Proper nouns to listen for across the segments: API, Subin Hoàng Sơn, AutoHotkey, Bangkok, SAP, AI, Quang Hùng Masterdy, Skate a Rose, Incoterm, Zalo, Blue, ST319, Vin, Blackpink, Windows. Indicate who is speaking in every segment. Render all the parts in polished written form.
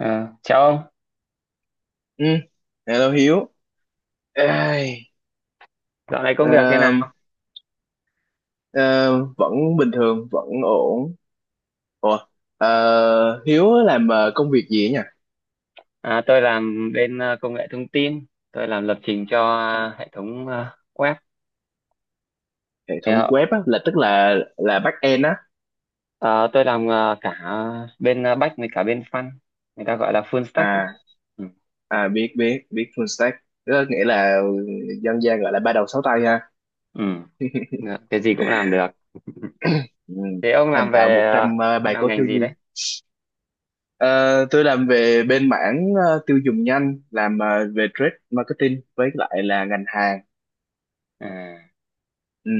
Speaker 1: À, chào ông,
Speaker 2: Ừ, hello Hiếu. Ai,
Speaker 1: dạo này công việc thế
Speaker 2: ờ,
Speaker 1: nào?
Speaker 2: ờ, Vẫn bình thường, vẫn ổn. Ủa, Hiếu làm công việc gì ấy nhỉ?
Speaker 1: À, tôi làm bên công nghệ thông tin, tôi làm lập trình cho hệ thống web.
Speaker 2: Hệ
Speaker 1: Thì,
Speaker 2: thống web á, tức là back end á.
Speaker 1: ờ, tôi làm cả bên back với cả bên front, người ta gọi là full stack ấy.
Speaker 2: À,
Speaker 1: Ừ.
Speaker 2: biết biết biết full stack. Đó nghĩa là dân gian gọi là ba đầu sáu tay ha.
Speaker 1: Ừ. Dạ, cái gì cũng làm được.
Speaker 2: Ừ,
Speaker 1: Thế ông
Speaker 2: thành
Speaker 1: làm
Speaker 2: thạo
Speaker 1: về
Speaker 2: một
Speaker 1: ờ,
Speaker 2: trăm
Speaker 1: ông
Speaker 2: bài
Speaker 1: làm
Speaker 2: code
Speaker 1: ngành
Speaker 2: thiếu
Speaker 1: gì đấy?
Speaker 2: nhi. Ờ, tôi làm về bên mảng tiêu dùng nhanh, làm về trade marketing với lại là ngành hàng.
Speaker 1: À.
Speaker 2: Ừ.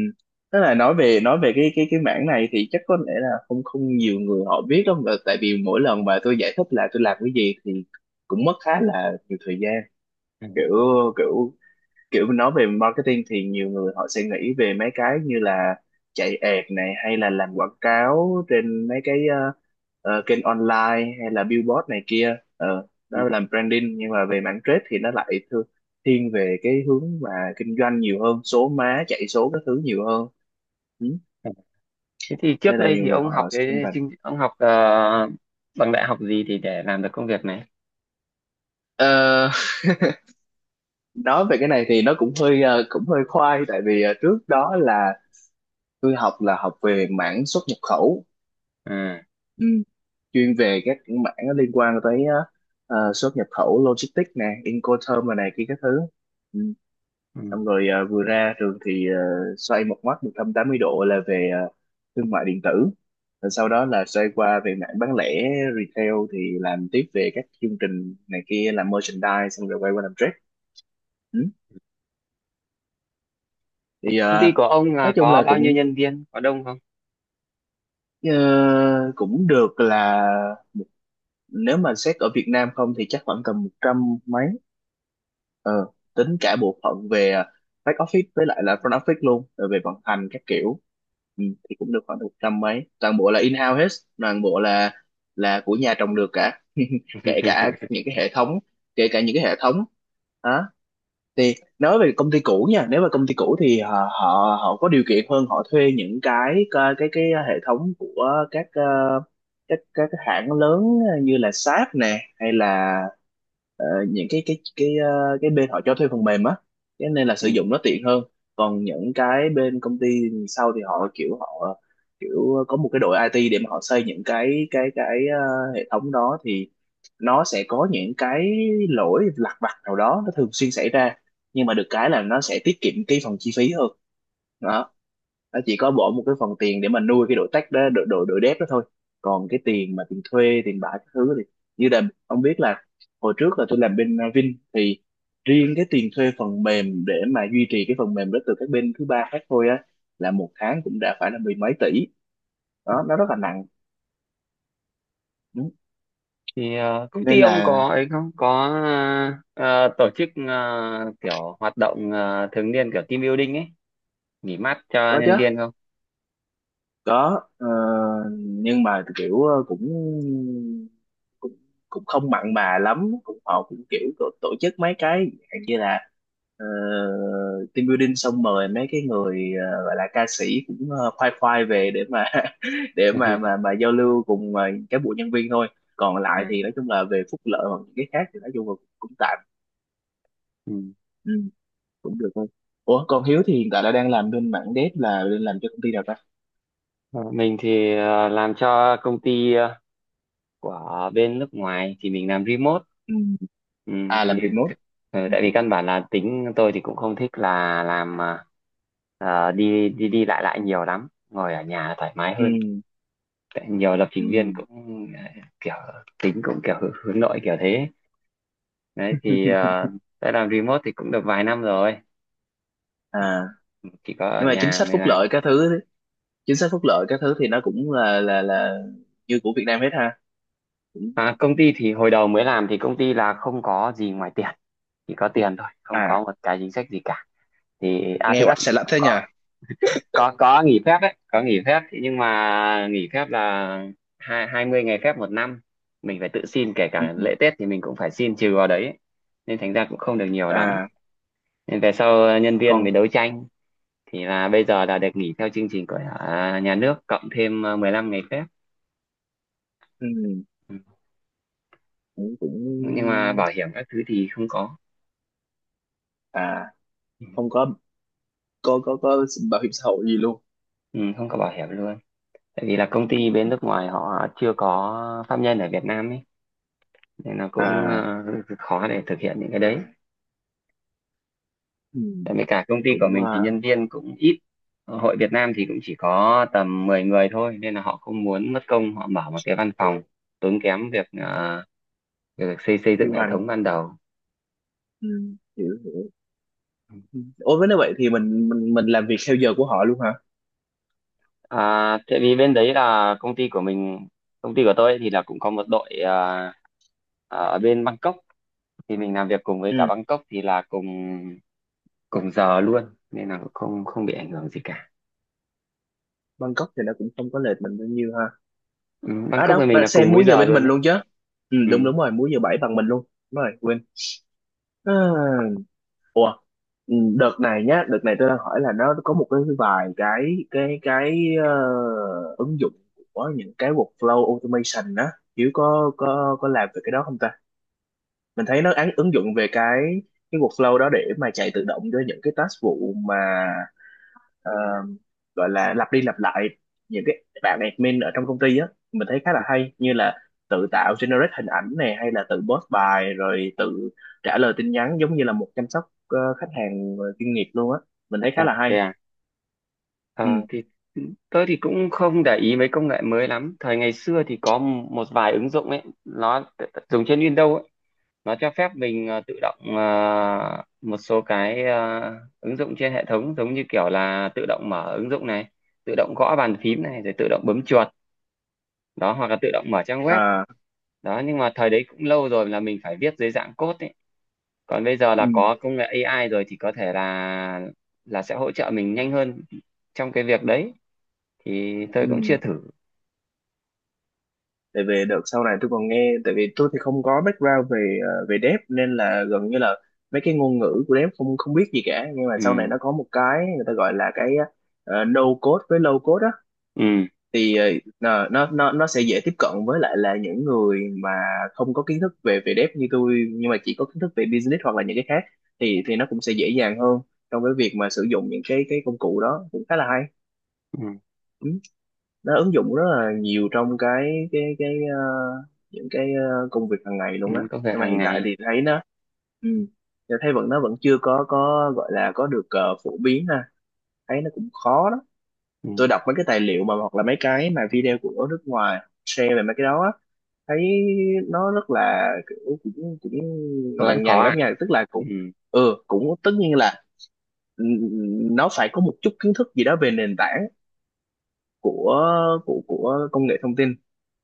Speaker 2: Tức là nói về cái mảng này thì chắc có lẽ là không không nhiều người họ biết đâu, mà tại vì mỗi lần mà tôi giải thích là tôi làm cái gì thì cũng mất khá là nhiều thời gian, kiểu kiểu kiểu nói về marketing thì nhiều người họ sẽ nghĩ về mấy cái như là chạy ad này hay là làm quảng cáo trên mấy cái kênh online hay là billboard này kia. Ờ, đó là branding, nhưng mà về mảng trade thì nó lại thiên về cái hướng mà kinh doanh nhiều hơn, số má chạy số các thứ nhiều hơn, ừ,
Speaker 1: Thế thì trước
Speaker 2: nên là
Speaker 1: đây
Speaker 2: nhiều
Speaker 1: thì
Speaker 2: người
Speaker 1: ông
Speaker 2: họ
Speaker 1: học
Speaker 2: họ sẽ không
Speaker 1: cái
Speaker 2: rành.
Speaker 1: chương- ông học ờ, bằng đại học gì thì để làm được công việc này?
Speaker 2: Ờ, nói về cái này thì nó cũng hơi cũng hơi khoai, tại vì trước đó là tôi học là học về mảng xuất nhập khẩu,
Speaker 1: À.
Speaker 2: chuyên về các mảng nó liên quan tới xuất nhập khẩu, logistics nè, Incoterm rồi này kia các thứ, ừ.
Speaker 1: Ừ.
Speaker 2: Xong rồi vừa ra trường thì xoay một mắt 180 độ là về thương mại điện tử, rồi sau đó là xoay qua về mảng bán lẻ retail, thì làm tiếp về các chương trình này kia, làm merchandise, xong rồi quay qua làm trade. Ừ. Thì
Speaker 1: Công ty
Speaker 2: ờ,
Speaker 1: của ông là
Speaker 2: nói chung
Speaker 1: có
Speaker 2: là
Speaker 1: bao nhiêu
Speaker 2: cũng
Speaker 1: nhân viên? Có đông không?
Speaker 2: ờ, cũng được, là nếu mà xét ở Việt Nam không thì chắc khoảng tầm một trăm mấy, ờ, tính cả bộ phận về back office với lại là front office luôn, rồi về vận hành các kiểu, ừ, thì cũng được khoảng một trăm mấy, toàn bộ là in-house hết, toàn bộ là của nhà trồng được cả. Kể cả những cái hệ thống kể cả những cái hệ thống đó thì nói về công ty cũ nha, nếu mà công ty cũ thì họ họ họ có điều kiện hơn, họ thuê những cái hệ thống của các các cái hãng lớn như là SAP nè, hay là những cái cái bên họ cho thuê phần mềm á, cho nên là
Speaker 1: Ừ.
Speaker 2: sử dụng nó tiện hơn. Còn những cái bên công ty sau thì họ kiểu có một cái đội IT để mà họ xây những cái hệ thống đó, thì nó sẽ có những cái lỗi lặt vặt nào đó nó thường xuyên xảy ra, nhưng mà được cái là nó sẽ tiết kiệm cái phần chi phí hơn. Đó, nó chỉ có bỏ một cái phần tiền để mà nuôi cái đội tech đó, đội đội đội dev đó thôi. Còn cái tiền mà tiền thuê tiền bạ các thứ thì, như là ông biết là hồi trước là tôi làm bên Vin, thì riêng cái tiền thuê phần mềm để mà duy trì cái phần mềm đó từ các bên thứ ba khác thôi á, là một tháng cũng đã phải là mười mấy tỷ, đó nó rất là nặng. Đúng.
Speaker 1: Thì công ty
Speaker 2: Nên
Speaker 1: ông
Speaker 2: là
Speaker 1: có ấy không có tổ chức kiểu hoạt động thường niên, kiểu team building ấy, nghỉ mát cho
Speaker 2: có chứ,
Speaker 1: nhân viên không?
Speaker 2: có ờ, nhưng mà kiểu ờ, cũng cũng cũng không mặn mà lắm, cũng họ cũng kiểu tổ tổ chức mấy cái dạng như là ờ, team building, xong mời mấy cái người gọi là ca sĩ cũng khoai khoai về để mà để mà giao lưu cùng các bộ nhân viên thôi. Còn
Speaker 1: Ừ.
Speaker 2: lại thì nói chung là về phúc lợi hoặc những cái khác thì nói chung là cũng tạm,
Speaker 1: Ừ.
Speaker 2: ừ, cũng được thôi. Ủa còn Hiếu thì hiện tại là đang làm bên mảng dev là đang làm cho công ty nào ta?
Speaker 1: Ờ, Mình thì làm cho công ty của bên nước ngoài, thì mình làm remote.
Speaker 2: Ừ.
Speaker 1: ừ,
Speaker 2: À
Speaker 1: thì
Speaker 2: làm remote.
Speaker 1: ừ, tại vì căn bản là tính tôi thì cũng không thích là làm đi đi đi lại lại nhiều lắm, ngồi ở nhà thoải mái
Speaker 2: Ừ.
Speaker 1: hơn. Tại nhiều lập
Speaker 2: Ừ.
Speaker 1: trình viên cũng kiểu tính cũng kiểu hướng hướng nội kiểu thế đấy. Thì đã làm remote thì cũng được vài năm rồi. Ừ.
Speaker 2: À
Speaker 1: Ừ, chỉ có ở
Speaker 2: nhưng mà chính
Speaker 1: nhà
Speaker 2: sách
Speaker 1: mới
Speaker 2: phúc
Speaker 1: làm.
Speaker 2: lợi các thứ, chính sách phúc lợi các thứ thì nó cũng là như của Việt Nam hết ha, cũng
Speaker 1: À, công ty thì hồi đầu mới làm thì công ty là không có gì ngoài tiền, chỉ có tiền thôi, không
Speaker 2: à,
Speaker 1: có một cái chính sách gì cả. Thì
Speaker 2: nghe
Speaker 1: thực ra
Speaker 2: oách
Speaker 1: thì
Speaker 2: xà lách
Speaker 1: cũng
Speaker 2: thế nhờ.
Speaker 1: Có nghỉ phép đấy, có nghỉ phép thì nhưng mà nghỉ phép là hai hai mươi ngày phép một năm, mình phải tự xin, kể
Speaker 2: Ừ.
Speaker 1: cả lễ Tết thì mình cũng phải xin trừ vào đấy, nên thành ra cũng không được nhiều lắm.
Speaker 2: À
Speaker 1: Nên về sau nhân viên
Speaker 2: còn
Speaker 1: mới đấu tranh, thì là bây giờ là được nghỉ theo chương trình của nhà nước cộng thêm 15 ngày phép.
Speaker 2: ừ,
Speaker 1: Ừ,
Speaker 2: cũng cũng
Speaker 1: nhưng mà bảo hiểm các thứ thì không có.
Speaker 2: à, không có, có bảo hiểm xã hội gì luôn,
Speaker 1: Ừ, không có bảo hiểm luôn. Tại vì là công ty bên nước ngoài họ chưa có pháp nhân ở Việt Nam ấy, nên là cũng
Speaker 2: à
Speaker 1: khó để thực hiện những cái đấy. Tại vì cả công
Speaker 2: ừ,
Speaker 1: ty của
Speaker 2: cũng
Speaker 1: mình thì
Speaker 2: à,
Speaker 1: nhân viên cũng ít. Ờ, hội Việt Nam thì cũng chỉ có tầm 10 người thôi, nên là họ không muốn mất công họ mở một cái văn phòng, tốn kém việc việc xây xây dựng
Speaker 2: điều
Speaker 1: hệ
Speaker 2: hành,
Speaker 1: thống ban đầu.
Speaker 2: ừ, hiểu hiểu.
Speaker 1: Ừ.
Speaker 2: Ôi với nếu vậy thì mình làm việc theo giờ của họ luôn hả?
Speaker 1: À, tại vì bên đấy là công ty của mình, công ty của tôi ấy thì là cũng có một đội ở bên Bangkok, thì mình làm việc cùng với
Speaker 2: Ừ.
Speaker 1: cả Bangkok thì là cùng cùng giờ luôn, nên là cũng không không bị ảnh hưởng gì cả.
Speaker 2: Bangkok thì nó cũng không có lệch mình bao nhiêu ha.
Speaker 1: Ừ,
Speaker 2: À
Speaker 1: Bangkok
Speaker 2: đâu
Speaker 1: với mình
Speaker 2: bạn
Speaker 1: là cùng
Speaker 2: xem
Speaker 1: múi
Speaker 2: múi giờ
Speaker 1: giờ
Speaker 2: bên
Speaker 1: luôn
Speaker 2: mình
Speaker 1: đấy.
Speaker 2: luôn chứ. Ừ,
Speaker 1: Ừ.
Speaker 2: đúng đúng rồi, múi giờ bảy bằng mình luôn. Đúng rồi quên. À, ủa, ừ, đợt này nhá, đợt này tôi đang hỏi là nó có một cái vài cái cái ứng dụng của những cái workflow automation á, Hiếu có làm về cái đó không ta? Mình thấy nó án ứng dụng về cái workflow đó để mà chạy tự động cho những cái task vụ mà ờ, gọi là lặp đi lặp lại những cái bạn admin ở trong công ty á, mình thấy khá là hay, như là tự tạo generate hình ảnh này, hay là tự post bài, rồi tự trả lời tin nhắn, giống như là một chăm sóc khách hàng chuyên nghiệp luôn á, mình thấy
Speaker 1: À,
Speaker 2: khá là hay.
Speaker 1: thế à?
Speaker 2: Ừ.
Speaker 1: Ờ, thì tôi thì cũng không để ý mấy công nghệ mới lắm. Thời ngày xưa thì có một vài ứng dụng ấy, nó dùng trên Windows ấy. Nó cho phép mình tự động một số cái ứng dụng trên hệ thống, giống như kiểu là tự động mở ứng dụng này, tự động gõ bàn phím này, rồi tự động bấm chuột đó, hoặc là tự động mở trang web
Speaker 2: À.
Speaker 1: đó. Nhưng mà thời đấy cũng lâu rồi, là mình phải viết dưới dạng code ấy. Còn bây giờ
Speaker 2: Ừ.
Speaker 1: là có công nghệ AI rồi thì có thể là sẽ hỗ trợ mình nhanh hơn trong cái việc đấy. Thì tôi
Speaker 2: Ừ,
Speaker 1: cũng chưa thử.
Speaker 2: tại vì đợt sau này tôi còn nghe, tại vì tôi thì không có background về về dev, nên là gần như là mấy cái ngôn ngữ của dev không không biết gì cả, nhưng mà
Speaker 1: Ừ,
Speaker 2: sau này nó có một cái người ta gọi là cái no code với low code á,
Speaker 1: ừ,
Speaker 2: thì ờ, nó sẽ dễ tiếp cận với lại là những người mà không có kiến thức về về dev như tôi, nhưng mà chỉ có kiến thức về business hoặc là những cái khác, thì nó cũng sẽ dễ dàng hơn trong cái việc mà sử dụng những cái công cụ đó, cũng khá là hay.
Speaker 1: ừ,
Speaker 2: Ừ. Nó ứng dụng rất là nhiều trong cái những cái công việc hàng ngày
Speaker 1: ừ.
Speaker 2: luôn á.
Speaker 1: Công việc
Speaker 2: Nhưng mà
Speaker 1: hàng
Speaker 2: hiện tại
Speaker 1: ngày.
Speaker 2: thì thấy nó, ừ, thấy vẫn, nó vẫn chưa có, gọi là có được phổ biến ha, thấy nó cũng khó đó. Tôi
Speaker 1: Ừ.
Speaker 2: đọc mấy cái tài liệu mà hoặc là mấy cái mà video của nước ngoài share về mấy cái đó á, thấy nó rất là kiểu cũng cũng
Speaker 1: Nó vẫn
Speaker 2: lằng
Speaker 1: khó
Speaker 2: nhằng
Speaker 1: à?
Speaker 2: lắm nha, tức là
Speaker 1: Ừ,
Speaker 2: cũng ừ, cũng tất nhiên là nó phải có một chút kiến thức gì đó về nền tảng của của công nghệ thông tin,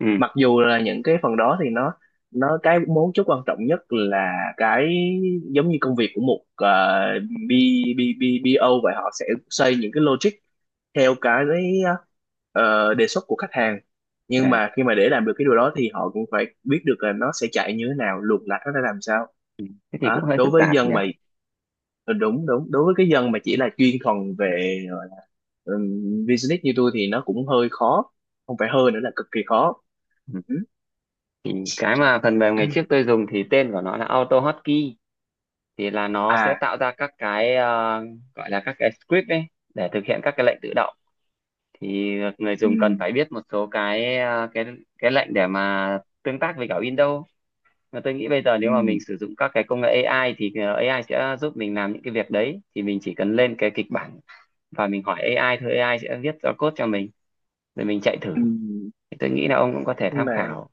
Speaker 1: ừ,
Speaker 2: mặc dù là những cái phần đó thì nó cái mấu chốt quan trọng nhất là cái giống như công việc của một B, B, B, BO vậy, họ sẽ xây những cái logic theo cái ờ, đề xuất của khách hàng, nhưng
Speaker 1: à,
Speaker 2: mà khi mà để làm được cái điều đó thì họ cũng phải biết được là nó sẽ chạy như thế nào, luồng lạch nó ra làm sao,
Speaker 1: ừ. Thế thì cũng
Speaker 2: đó
Speaker 1: hơi
Speaker 2: đối
Speaker 1: phức
Speaker 2: với
Speaker 1: tạp
Speaker 2: dân
Speaker 1: nhỉ.
Speaker 2: mà, ừ, đúng đúng đối với cái dân mà chỉ
Speaker 1: Ừ.
Speaker 2: là chuyên thuần về gọi là, business như tôi thì nó cũng hơi khó, không phải hơi nữa là cực kỳ khó. Ừ.
Speaker 1: Thì cái mà phần mềm ngày trước tôi dùng thì tên của nó là AutoHotkey, thì là nó sẽ
Speaker 2: À
Speaker 1: tạo ra các cái gọi là các cái script ấy, để thực hiện các cái lệnh tự động. Thì người
Speaker 2: ừ,
Speaker 1: dùng cần phải biết một số cái ờ, cái lệnh để mà tương tác với cả Windows. Mà tôi nghĩ bây giờ
Speaker 2: ừ,
Speaker 1: nếu mà mình sử dụng các cái công nghệ AI thì AI sẽ giúp mình làm những cái việc đấy. Thì mình chỉ cần lên cái kịch bản và mình hỏi AI thôi, AI sẽ viết ra code cho mình rồi mình chạy
Speaker 2: ừ.
Speaker 1: thử. Thì tôi nghĩ là ông cũng có thể
Speaker 2: nhưng
Speaker 1: tham
Speaker 2: mà
Speaker 1: khảo.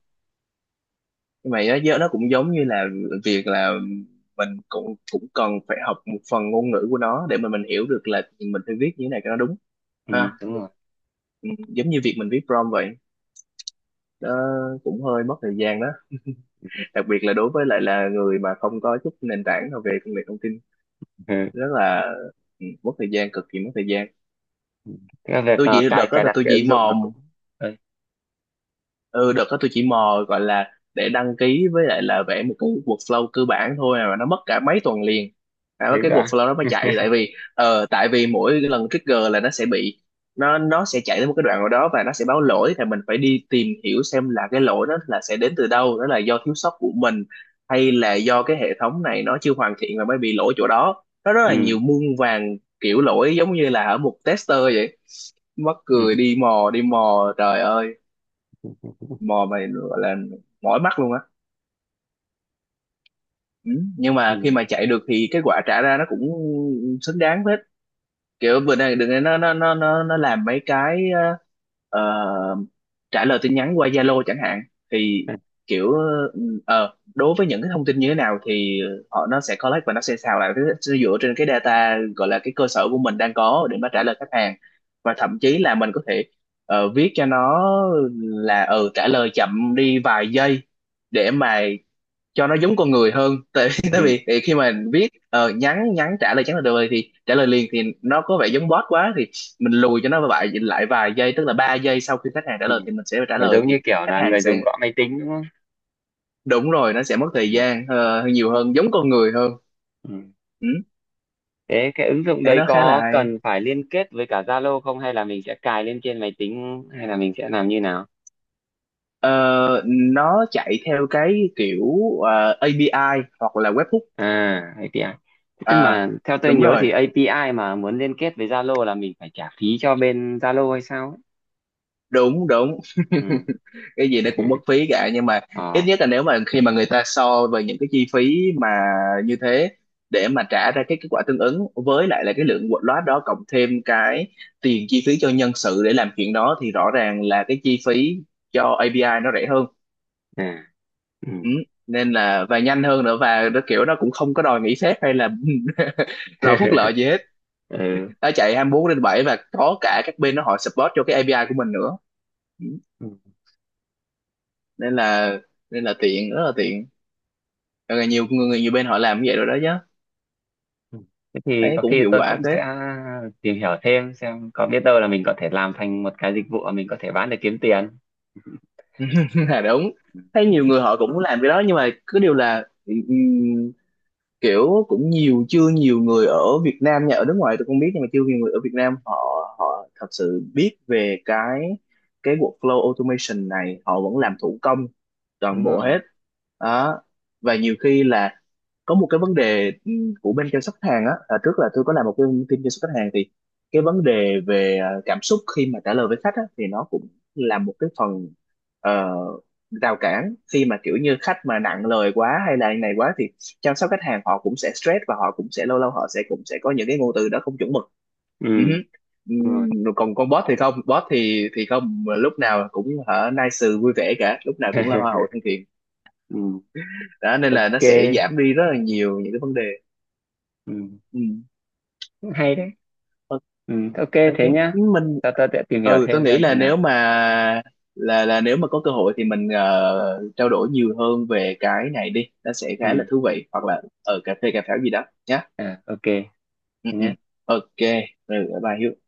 Speaker 2: nhưng mà nó cũng giống như là việc là mình cũng cũng cần phải học một phần ngôn ngữ của nó để mà mình hiểu được là mình phải viết như thế này cho nó đúng
Speaker 1: Ừ,
Speaker 2: ha.
Speaker 1: đúng
Speaker 2: Ừ, giống như việc mình viết prompt vậy đó, cũng hơi mất thời gian đó, đặc biệt là đối với lại là người mà không có chút nền tảng nào về công nghệ thông tin.
Speaker 1: rồi.
Speaker 2: Rất là mất thời gian, cực kỳ mất thời gian.
Speaker 1: Cái việc
Speaker 2: Tôi chỉ đợt
Speaker 1: cài
Speaker 2: đó
Speaker 1: cài
Speaker 2: là
Speaker 1: đặt
Speaker 2: tôi
Speaker 1: cái
Speaker 2: chỉ
Speaker 1: ứng dụng
Speaker 2: mò.
Speaker 1: là cũng... Ừ,
Speaker 2: Ừ, đợt đó tôi chỉ mò gọi là để đăng ký với lại là vẽ một cái workflow cơ bản thôi à, mà nó mất cả mấy tuần liền cả
Speaker 1: thế
Speaker 2: cái
Speaker 1: ra.
Speaker 2: workflow nó mới chạy, tại vì tại vì mỗi cái lần trigger là nó sẽ bị, nó sẽ chạy đến một cái đoạn nào đó và nó sẽ báo lỗi, thì mình phải đi tìm hiểu xem là cái lỗi đó là sẽ đến từ đâu, đó là do thiếu sót của mình hay là do cái hệ thống này nó chưa hoàn thiện và mới bị lỗi chỗ đó. Nó rất là
Speaker 1: Ừ,
Speaker 2: nhiều, muôn vàn kiểu lỗi, giống như là ở một tester vậy. Mắc
Speaker 1: ừ,
Speaker 2: cười, đi mò trời ơi, mò mày gọi là mỏi mắt luôn á. Ừ, nhưng
Speaker 1: ừ,
Speaker 2: mà
Speaker 1: ừ,
Speaker 2: khi mà chạy được thì cái quả trả ra nó cũng xứng đáng hết. Kiểu vừa này đừng nó làm mấy cái ờ, trả lời tin nhắn qua Zalo chẳng hạn, thì kiểu đối với những cái thông tin như thế nào thì họ nó sẽ collect và nó sẽ xào lại, nó sẽ dựa trên cái data gọi là cái cơ sở của mình đang có để mà trả lời khách hàng. Và thậm chí là mình có thể viết cho nó là ừ trả lời chậm đi vài giây để mà cho nó giống con người hơn, tại vì tại
Speaker 1: ừ.
Speaker 2: vì thì khi mà viết nhắn nhắn trả lời nhắn là được rồi thì trả lời liền thì nó có vẻ giống bot quá, thì mình lùi cho nó lại lại vài giây, tức là 3 giây sau khi khách hàng trả
Speaker 1: Ừ.
Speaker 2: lời thì mình sẽ trả
Speaker 1: Để
Speaker 2: lời.
Speaker 1: giống
Speaker 2: Thì
Speaker 1: như kiểu
Speaker 2: khách
Speaker 1: là
Speaker 2: hàng
Speaker 1: người dùng
Speaker 2: sẽ,
Speaker 1: gõ máy tính đúng không?
Speaker 2: đúng rồi, nó sẽ mất
Speaker 1: Ừ,
Speaker 2: thời gian nhiều hơn, giống con người hơn.
Speaker 1: ừ.
Speaker 2: Ừ,
Speaker 1: Thế cái ứng dụng
Speaker 2: thế
Speaker 1: đấy
Speaker 2: nó khá là
Speaker 1: có
Speaker 2: hay.
Speaker 1: cần phải liên kết với cả Zalo không, hay là mình sẽ cài lên trên máy tính, hay là mình sẽ làm như nào?
Speaker 2: Ờ, nó chạy theo cái kiểu API hoặc là webhook.
Speaker 1: À, API. Thế tức
Speaker 2: À
Speaker 1: mà theo tôi
Speaker 2: đúng
Speaker 1: nhớ thì
Speaker 2: rồi,
Speaker 1: API mà muốn liên kết với Zalo là mình phải trả phí cho bên Zalo hay sao ấy.
Speaker 2: đúng đúng
Speaker 1: Ừ.
Speaker 2: cái gì nó cũng mất phí cả, nhưng mà ít
Speaker 1: Ờ.
Speaker 2: nhất là nếu mà khi mà người ta so về những cái chi phí mà như thế, để mà trả ra cái kết quả tương ứng với lại là cái lượng loát đó, cộng thêm cái tiền chi phí cho nhân sự để làm chuyện đó, thì rõ ràng là cái chi phí cho API nó rẻ hơn.
Speaker 1: À, ừ.
Speaker 2: Ừ, nên là và nhanh hơn nữa, và nó kiểu nó cũng không có đòi nghỉ phép hay là đòi phúc lợi gì hết. Nó chạy 24/7 và có cả các bên nó họ support cho cái API của mình nữa. Ừ,
Speaker 1: Ừ.
Speaker 2: nên là, nên là tiện, rất là tiện. Rồi là nhiều người nhiều bên họ làm như vậy rồi đó chứ,
Speaker 1: Ừ. Thế thì
Speaker 2: thấy
Speaker 1: có
Speaker 2: cũng
Speaker 1: khi
Speaker 2: hiệu
Speaker 1: tôi
Speaker 2: quả
Speaker 1: cũng
Speaker 2: phết.
Speaker 1: sẽ tìm hiểu thêm, xem có biết đâu là mình có thể làm thành một cái dịch vụ mà mình có thể bán để kiếm tiền. Ừ.
Speaker 2: Là đúng, thấy nhiều người họ cũng làm cái đó, nhưng mà cứ điều là kiểu cũng nhiều, chưa nhiều người ở Việt Nam nha, ở nước ngoài tôi không biết, nhưng mà chưa nhiều người ở Việt Nam họ, họ thật sự biết về cái workflow automation này, họ vẫn
Speaker 1: Ừ,
Speaker 2: làm thủ công toàn
Speaker 1: đúng
Speaker 2: bộ
Speaker 1: rồi.
Speaker 2: hết đó. Và nhiều khi là có một cái vấn đề của bên chăm sóc khách hàng á, à trước là tôi có làm một cái team chăm sóc khách hàng, thì cái vấn đề về cảm xúc khi mà trả lời với khách á, thì nó cũng là một cái phần ờ, rào cản, khi mà kiểu như khách mà nặng lời quá hay là này quá, thì chăm sóc khách hàng họ cũng sẽ stress và họ cũng sẽ lâu lâu họ sẽ cũng sẽ có những cái ngôn từ đó không chuẩn mực.
Speaker 1: Ừ,
Speaker 2: Ừ hứ.
Speaker 1: đúng rồi.
Speaker 2: Còn con boss thì không, boss thì không lúc nào cũng hả nice vui vẻ cả, lúc nào cũng là hoa hậu thân thiện
Speaker 1: Ừ,
Speaker 2: đó, nên là nó sẽ
Speaker 1: ok.
Speaker 2: giảm đi rất là nhiều những cái vấn đề.
Speaker 1: Ừ,
Speaker 2: Ừ.
Speaker 1: cũng hay đấy.
Speaker 2: Ok,
Speaker 1: Ừ, ok thế nhá.
Speaker 2: mình,
Speaker 1: Sao tôi sẽ tìm hiểu
Speaker 2: ừ tôi
Speaker 1: thêm
Speaker 2: nghĩ
Speaker 1: xem thế nào.
Speaker 2: là nếu mà có cơ hội thì mình trao đổi nhiều hơn về cái này đi, nó sẽ khá
Speaker 1: Ừ,
Speaker 2: là thú vị, hoặc là ở cà phê cà pháo gì đó nhá.
Speaker 1: à, ok. Thế
Speaker 2: Ừ, ừ.
Speaker 1: nhá.
Speaker 2: Ok, ừ, bye Hiếu.